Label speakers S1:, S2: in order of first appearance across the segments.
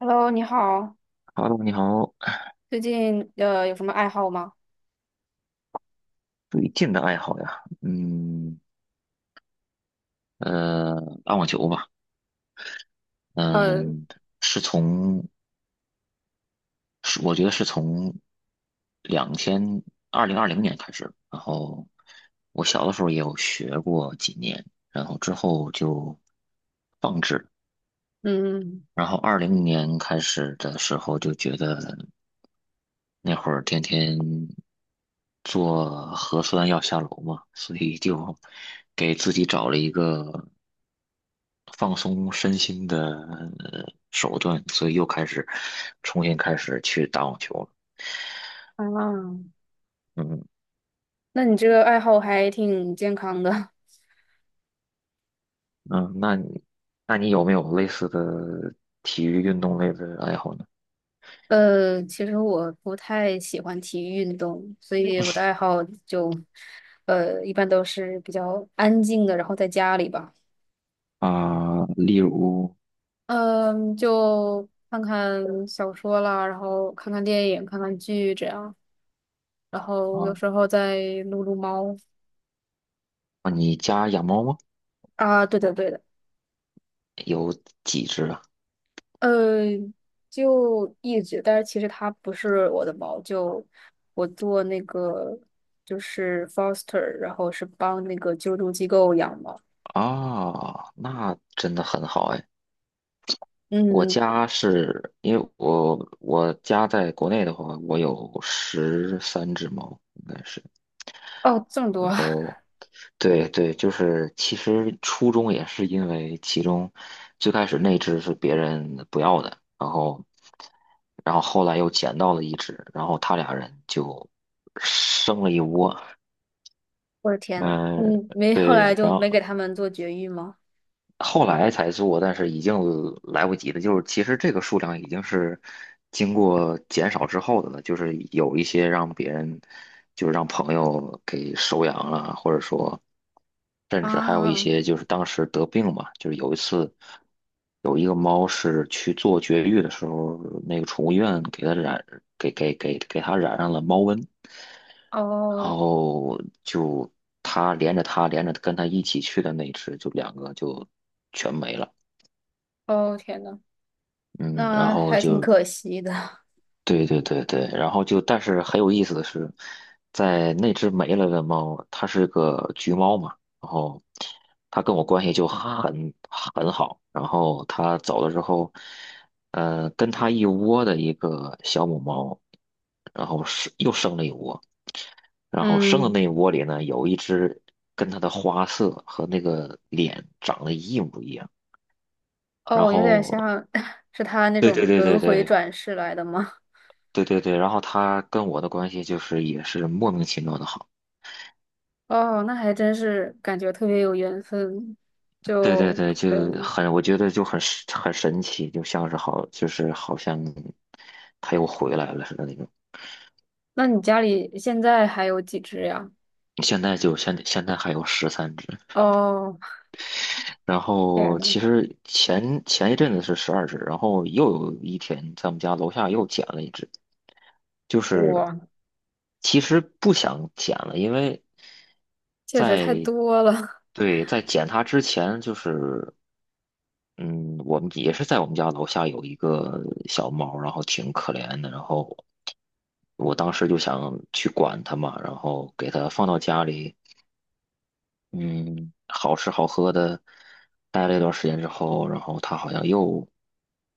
S1: Hello，你好，
S2: Hello，你好，
S1: 最近有什么爱好吗？
S2: 最近的爱好呀，呃，打网球吧，
S1: 呃，
S2: 嗯，是从，是我觉得是从两千2020年开始，然后我小的时候也有学过几年，然后之后就放置，
S1: 嗯，
S2: 然后二零年开始的时候就觉得那会儿天天做核酸要下楼嘛，所以就给自己找了一个，放松身心的呃手段，所以又开始重新开始去打网球了。
S1: 啊，
S2: 嗯
S1: 那你这个爱好还挺健康的。
S2: 嗯，那你那你有没有类似的体育运动类的爱好呢？
S1: 其实我不太喜欢体育运动，所以我的爱好就，一般都是比较安静的，然后在家里吧，
S2: 啊、例如，
S1: 嗯，就看看小说啦，然后看看电影，看看剧这样，然后有
S2: 啊
S1: 时候再撸撸猫
S2: 啊，你家养猫吗？
S1: 啊，对的对的，
S2: 有几只啊？
S1: 呃，就一直，但是其实它不是我的猫，就我做那个就是 foster，然后是帮那个救助机构养猫。
S2: 啊，那真的很好哎。我
S1: 嗯，
S2: 家是因为我家在国内的话，我有十三只猫，应该是。
S1: 哦，这么多啊，
S2: 对对，就是其实初衷也是因为其中最开始那只是别人不要的，然后后来又捡到了一只，然后他俩人就生了一窝，
S1: 我的天呐，
S2: 嗯，
S1: 嗯，没，后来
S2: 对，然
S1: 就没给
S2: 后
S1: 他们做绝育吗？
S2: 后来才做，但是已经来不及了。就是其实这个数量已经是经过减少之后的了，就是有一些让别人，就是让朋友给收养了，或者说，甚至还有一
S1: 啊，
S2: 些就是当时得病嘛，就是有一次有一个猫是去做绝育的时候，那个宠物医院给它染上了猫瘟，然
S1: 哦，
S2: 后就它连着跟它一起去的那只，就两个就。全没了。
S1: 哦，天呐，
S2: 嗯，然
S1: 那
S2: 后
S1: 还挺
S2: 就
S1: 可惜的。
S2: 对对对对，然后但是很有意思的是，在那只没了的猫，它是个橘猫嘛，然后它跟我关系就很好，然后它走了之后，跟它一窝的一个小母猫，然后是又生了一窝，然后生的
S1: 嗯，
S2: 那一窝里呢，有一只跟它的花色和那个脸长得一模一样，然
S1: 哦，有点
S2: 后
S1: 像 是他那
S2: 对
S1: 种
S2: 对对
S1: 轮
S2: 对
S1: 回
S2: 对。
S1: 转世来的吗？
S2: 对对对，然后他跟我的关系就是也是莫名其妙的好，
S1: 哦，那还真是感觉特别有缘分，
S2: 对对
S1: 就
S2: 对，
S1: 对。
S2: 我觉得就很神奇，就好像他又回来了似的那种。
S1: 那你家里现在还有几只呀？
S2: 现在现在还有十三只，
S1: 哦，
S2: 然
S1: 天
S2: 后
S1: 呐，
S2: 其实前一阵子是12只，然后又有一天在我们家楼下又捡了一只，就是
S1: 哇，
S2: 其实不想捡了，因为
S1: 确实太
S2: 在
S1: 多了
S2: 对，在捡它之前就是。嗯，我们也是在我们家楼下有一个小猫，然后挺可怜的，然后我当时就想去管它嘛，然后给它放到家里，嗯，好吃好喝的，待了一段时间之后，然后它好像又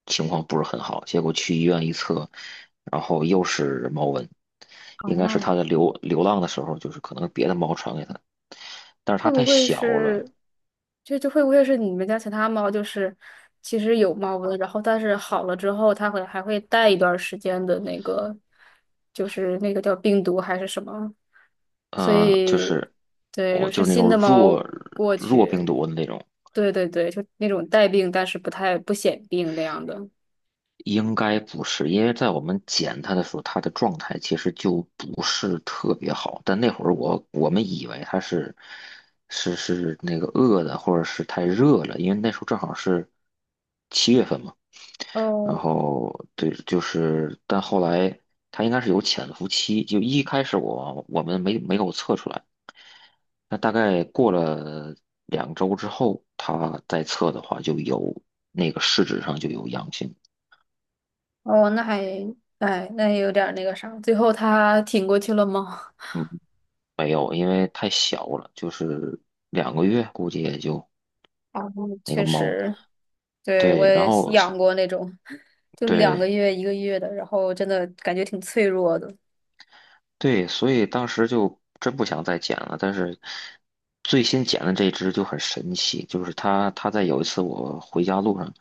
S2: 情况不是很好，结果去医院一测，然后又是猫瘟，应该是
S1: 啊！
S2: 它在流浪的时候，就是可能别的猫传给它，但是
S1: 会
S2: 它太
S1: 不会
S2: 小了，
S1: 是，这会不会是你们家其他猫？就是其实有猫瘟，然后但是好了之后，它会还会带一段时间的那个，就是那个叫病毒还是什么？所
S2: 就
S1: 以，
S2: 是
S1: 对，就
S2: 我就
S1: 是
S2: 是那
S1: 新
S2: 种
S1: 的猫
S2: 弱
S1: 过
S2: 弱病
S1: 去。
S2: 毒的那种，
S1: 对对对，就那种带病但是不太不显病那样的。
S2: 应该不是，因为在我们捡它的时候，它的状态其实就不是特别好。但那会儿我们以为它是那个饿的，或者是太热了，因为那时候正好是7月份嘛。然
S1: 哦
S2: 后对，就是，但后来它应该是有潜伏期，就一开始我们没有测出来，那大概过了2周之后，它再测的话就有那个试纸上就有阳性，
S1: 哦，那还哎，那也有点儿那个啥。最后他挺过去了吗？
S2: 嗯，没有，因为太小了，就是2个月估计也就
S1: 啊，
S2: 那个
S1: 确
S2: 猫，
S1: 实，对，我
S2: 对，然
S1: 也是
S2: 后
S1: 养过那种，就两个
S2: 对，
S1: 月、一个月的，然后真的感觉挺脆弱的。
S2: 对，所以当时就真不想再捡了。但是最新捡的这只就很神奇，就是它在有一次我回家路上，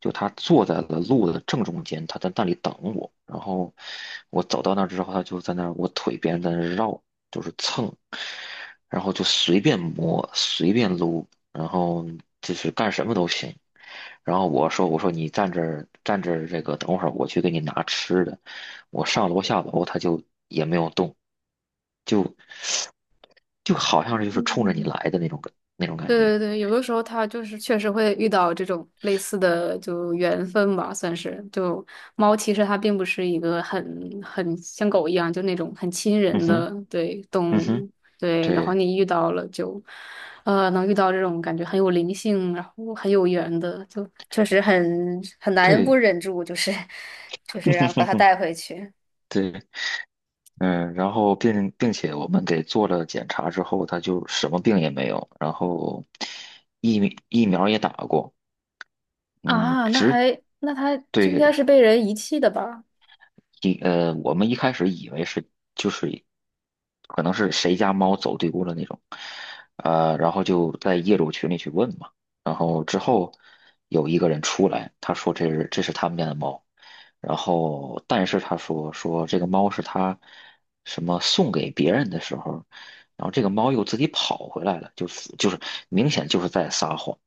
S2: 就它坐在了路的正中间，它在那里等我。然后我走到那儿之后，它就在那儿我腿边在那儿绕，就是蹭，然后就随便摸，随便撸，然后就是干什么都行。然后我说：“我说你站这儿站这儿，这个等会儿我去给你拿吃的。”我上楼下楼，他就也没有动，就就好像冲着你
S1: 嗯。
S2: 来的那种感那种感
S1: 对
S2: 觉。
S1: 对对，有的时候它就是确实会遇到这种类似的就缘分吧，算是。就猫其实它并不是一个很像狗一样就那种很亲
S2: 嗯
S1: 人
S2: 哼，
S1: 的对
S2: 嗯
S1: 动
S2: 哼，
S1: 物，对。然后
S2: 对
S1: 你遇到了就，能遇到这种感觉很有灵性，然后很有缘的，就确实很难不
S2: 对，
S1: 忍住，就是 就是让把它带 回去
S2: 对，嗯，然后并且我们给做了检查之后，他就什么病也没有，然后疫苗也打过，嗯，
S1: 啊。那
S2: 只
S1: 还那它就应
S2: 对，
S1: 该是被人遗弃的吧？
S2: 我们一开始以为是就是可能是谁家猫走丢了那种，然后就在业主群里去问嘛，然后之后有一个人出来，他说这是他们家的猫，然后但是他说这个猫是他什么送给别人的时候，然后这个猫又自己跑回来了，就是明显就是在撒谎。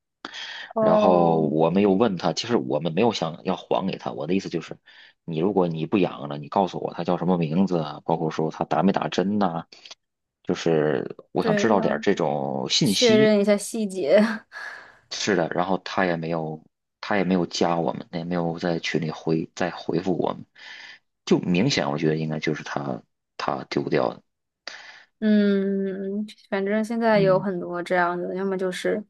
S2: 然后
S1: 哦，
S2: 我没有问他，其实我们没有想要还给他。我的意思就是，你如果你不养了，你告诉我他叫什么名字啊，包括说他打没打针呐、就是我想知
S1: 对
S2: 道点儿
S1: 呀、
S2: 这种信
S1: 确
S2: 息。
S1: 认一下细节。
S2: 是的，然后他也没有，加我们，也没有在群里再回复我们，就明显我觉得应该就是他丢掉的。
S1: 嗯，反正现在有
S2: 嗯，
S1: 很多这样的，要么就是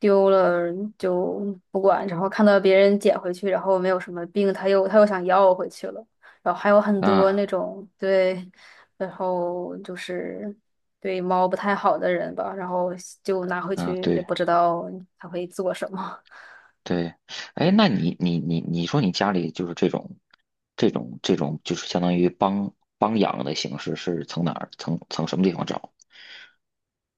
S1: 丢了就不管，然后看到别人捡回去，然后没有什么病，他又想要回去了，然后还有很多
S2: 啊
S1: 那种对，然后就是对猫不太好的人吧，然后就拿回
S2: 啊，
S1: 去也
S2: 对，
S1: 不知道他会做什么。
S2: 对，哎，那你说你家里就是这种，这种就是相当于帮养的形式是从哪儿从从什么地方找？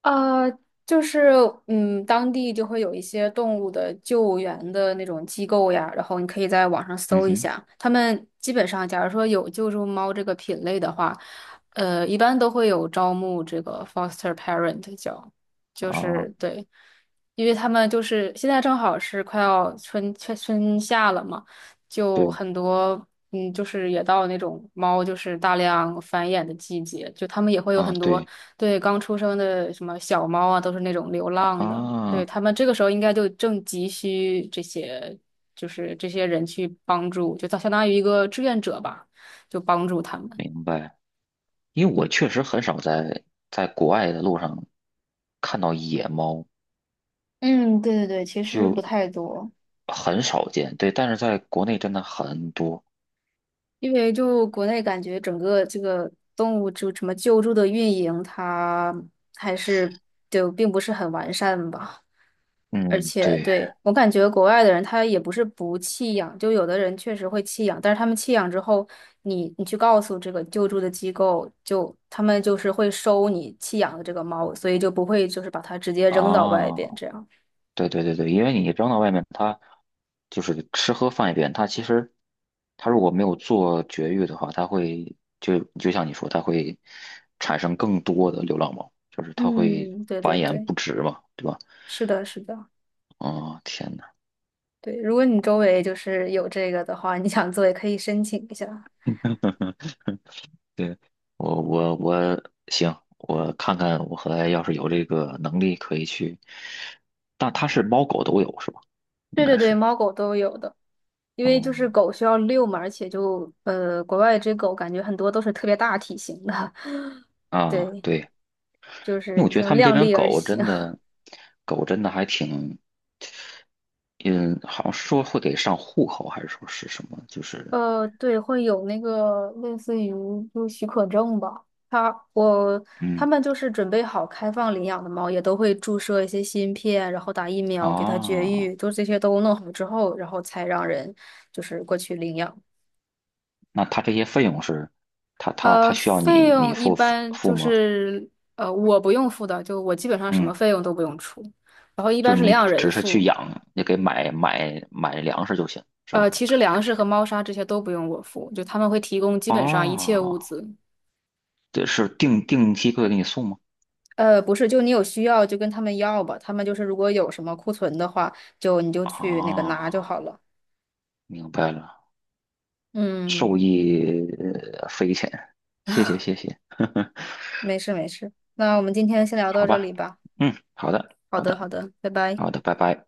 S1: 呃，就是嗯，当地就会有一些动物的救援的那种机构呀，然后你可以在网上
S2: 嗯
S1: 搜一
S2: 哼，
S1: 下，他们基本上，假如说有救助猫这个品类的话，一般都会有招募这个 foster parent 叫，就
S2: 啊，
S1: 是对，因为他们就是现在正好是快要春夏了嘛，就
S2: 对
S1: 很多。嗯，就是也到那种猫就是大量繁衍的季节，就他们也会有
S2: 啊
S1: 很多
S2: 对
S1: 对，刚出生的什么小猫啊，都是那种流浪的。对，
S2: 啊，
S1: 他们这个时候应该就正急需这些，就是这些人去帮助，就相当于一个志愿者吧，就帮助他们。
S2: 明白。因为我确实很少在国外的路上看到野猫，
S1: 嗯，对对对，其实
S2: 就
S1: 不太多。
S2: 很少见。对，但是在国内真的很多。
S1: 因为就国内感觉整个这个动物就什么救助的运营，它还是就并不是很完善吧。而
S2: 嗯，
S1: 且
S2: 对
S1: 对，我感觉国外的人他也不是不弃养，就有的人确实会弃养，但是他们弃养之后，你去告诉这个救助的机构，就他们就是会收你弃养的这个猫，所以就不会就是把它直接扔到外
S2: 啊，
S1: 边这样。
S2: 对对对对，因为你扔到外面，它就是吃喝放一边，它其实它如果没有做绝育的话，它会就像你说，它会产生更多的流浪猫，就是它会
S1: 嗯，对对
S2: 繁衍
S1: 对，
S2: 不止嘛，对吧？
S1: 是的，是的，
S2: 哦，天呐
S1: 对。如果你周围就是有这个的话，你想做也可以申请一下。
S2: 对，我我我行，我看看我和来要是有这个能力可以去，但它是猫狗都有是吧？应
S1: 对对
S2: 该
S1: 对，
S2: 是，
S1: 猫狗都有的，因为就是
S2: 嗯
S1: 狗需要遛嘛，而且就国外这狗感觉很多都是特别大体型的，
S2: 啊，
S1: 对。
S2: 对。
S1: 就
S2: 因为
S1: 是
S2: 我觉得
S1: 就
S2: 他们这
S1: 量
S2: 边
S1: 力而
S2: 狗
S1: 行。
S2: 真的，还挺，嗯，好像说会给上户口，还是说是什么？就是，
S1: 对，会有那个类似于就是许可证吧。他我他
S2: 嗯，
S1: 们就是准备好开放领养的猫，也都会注射一些芯片，然后打疫苗给它绝
S2: 啊，
S1: 育，就这些都弄好之后，然后才让人就是过去领养。
S2: 那他这些费用是，他需要
S1: 费
S2: 你你
S1: 用一
S2: 付
S1: 般
S2: 付
S1: 就
S2: 吗？
S1: 是我不用付的，就我基本上什
S2: 嗯，
S1: 么费用都不用出，然后一
S2: 就
S1: 般是领
S2: 你
S1: 养人
S2: 只是去
S1: 付。
S2: 养，也给买粮食就行，是吧？
S1: 其实粮食和猫砂这些都不用我付，就他们会提供基本上一切物
S2: 哦，
S1: 资。
S2: 这是定期会给你送吗？
S1: 不是，就你有需要就跟他们要吧，他们就是如果有什么库存的话，就你就去那个拿
S2: 啊，
S1: 就好了。
S2: 明白了，受
S1: 嗯，
S2: 益匪浅，谢谢谢谢。
S1: 没事没事，那我们今天先聊
S2: 好
S1: 到这
S2: 吧，
S1: 里吧。
S2: 嗯，好的，
S1: 好
S2: 好
S1: 的
S2: 的，
S1: 好的，拜拜。
S2: 好的，拜拜。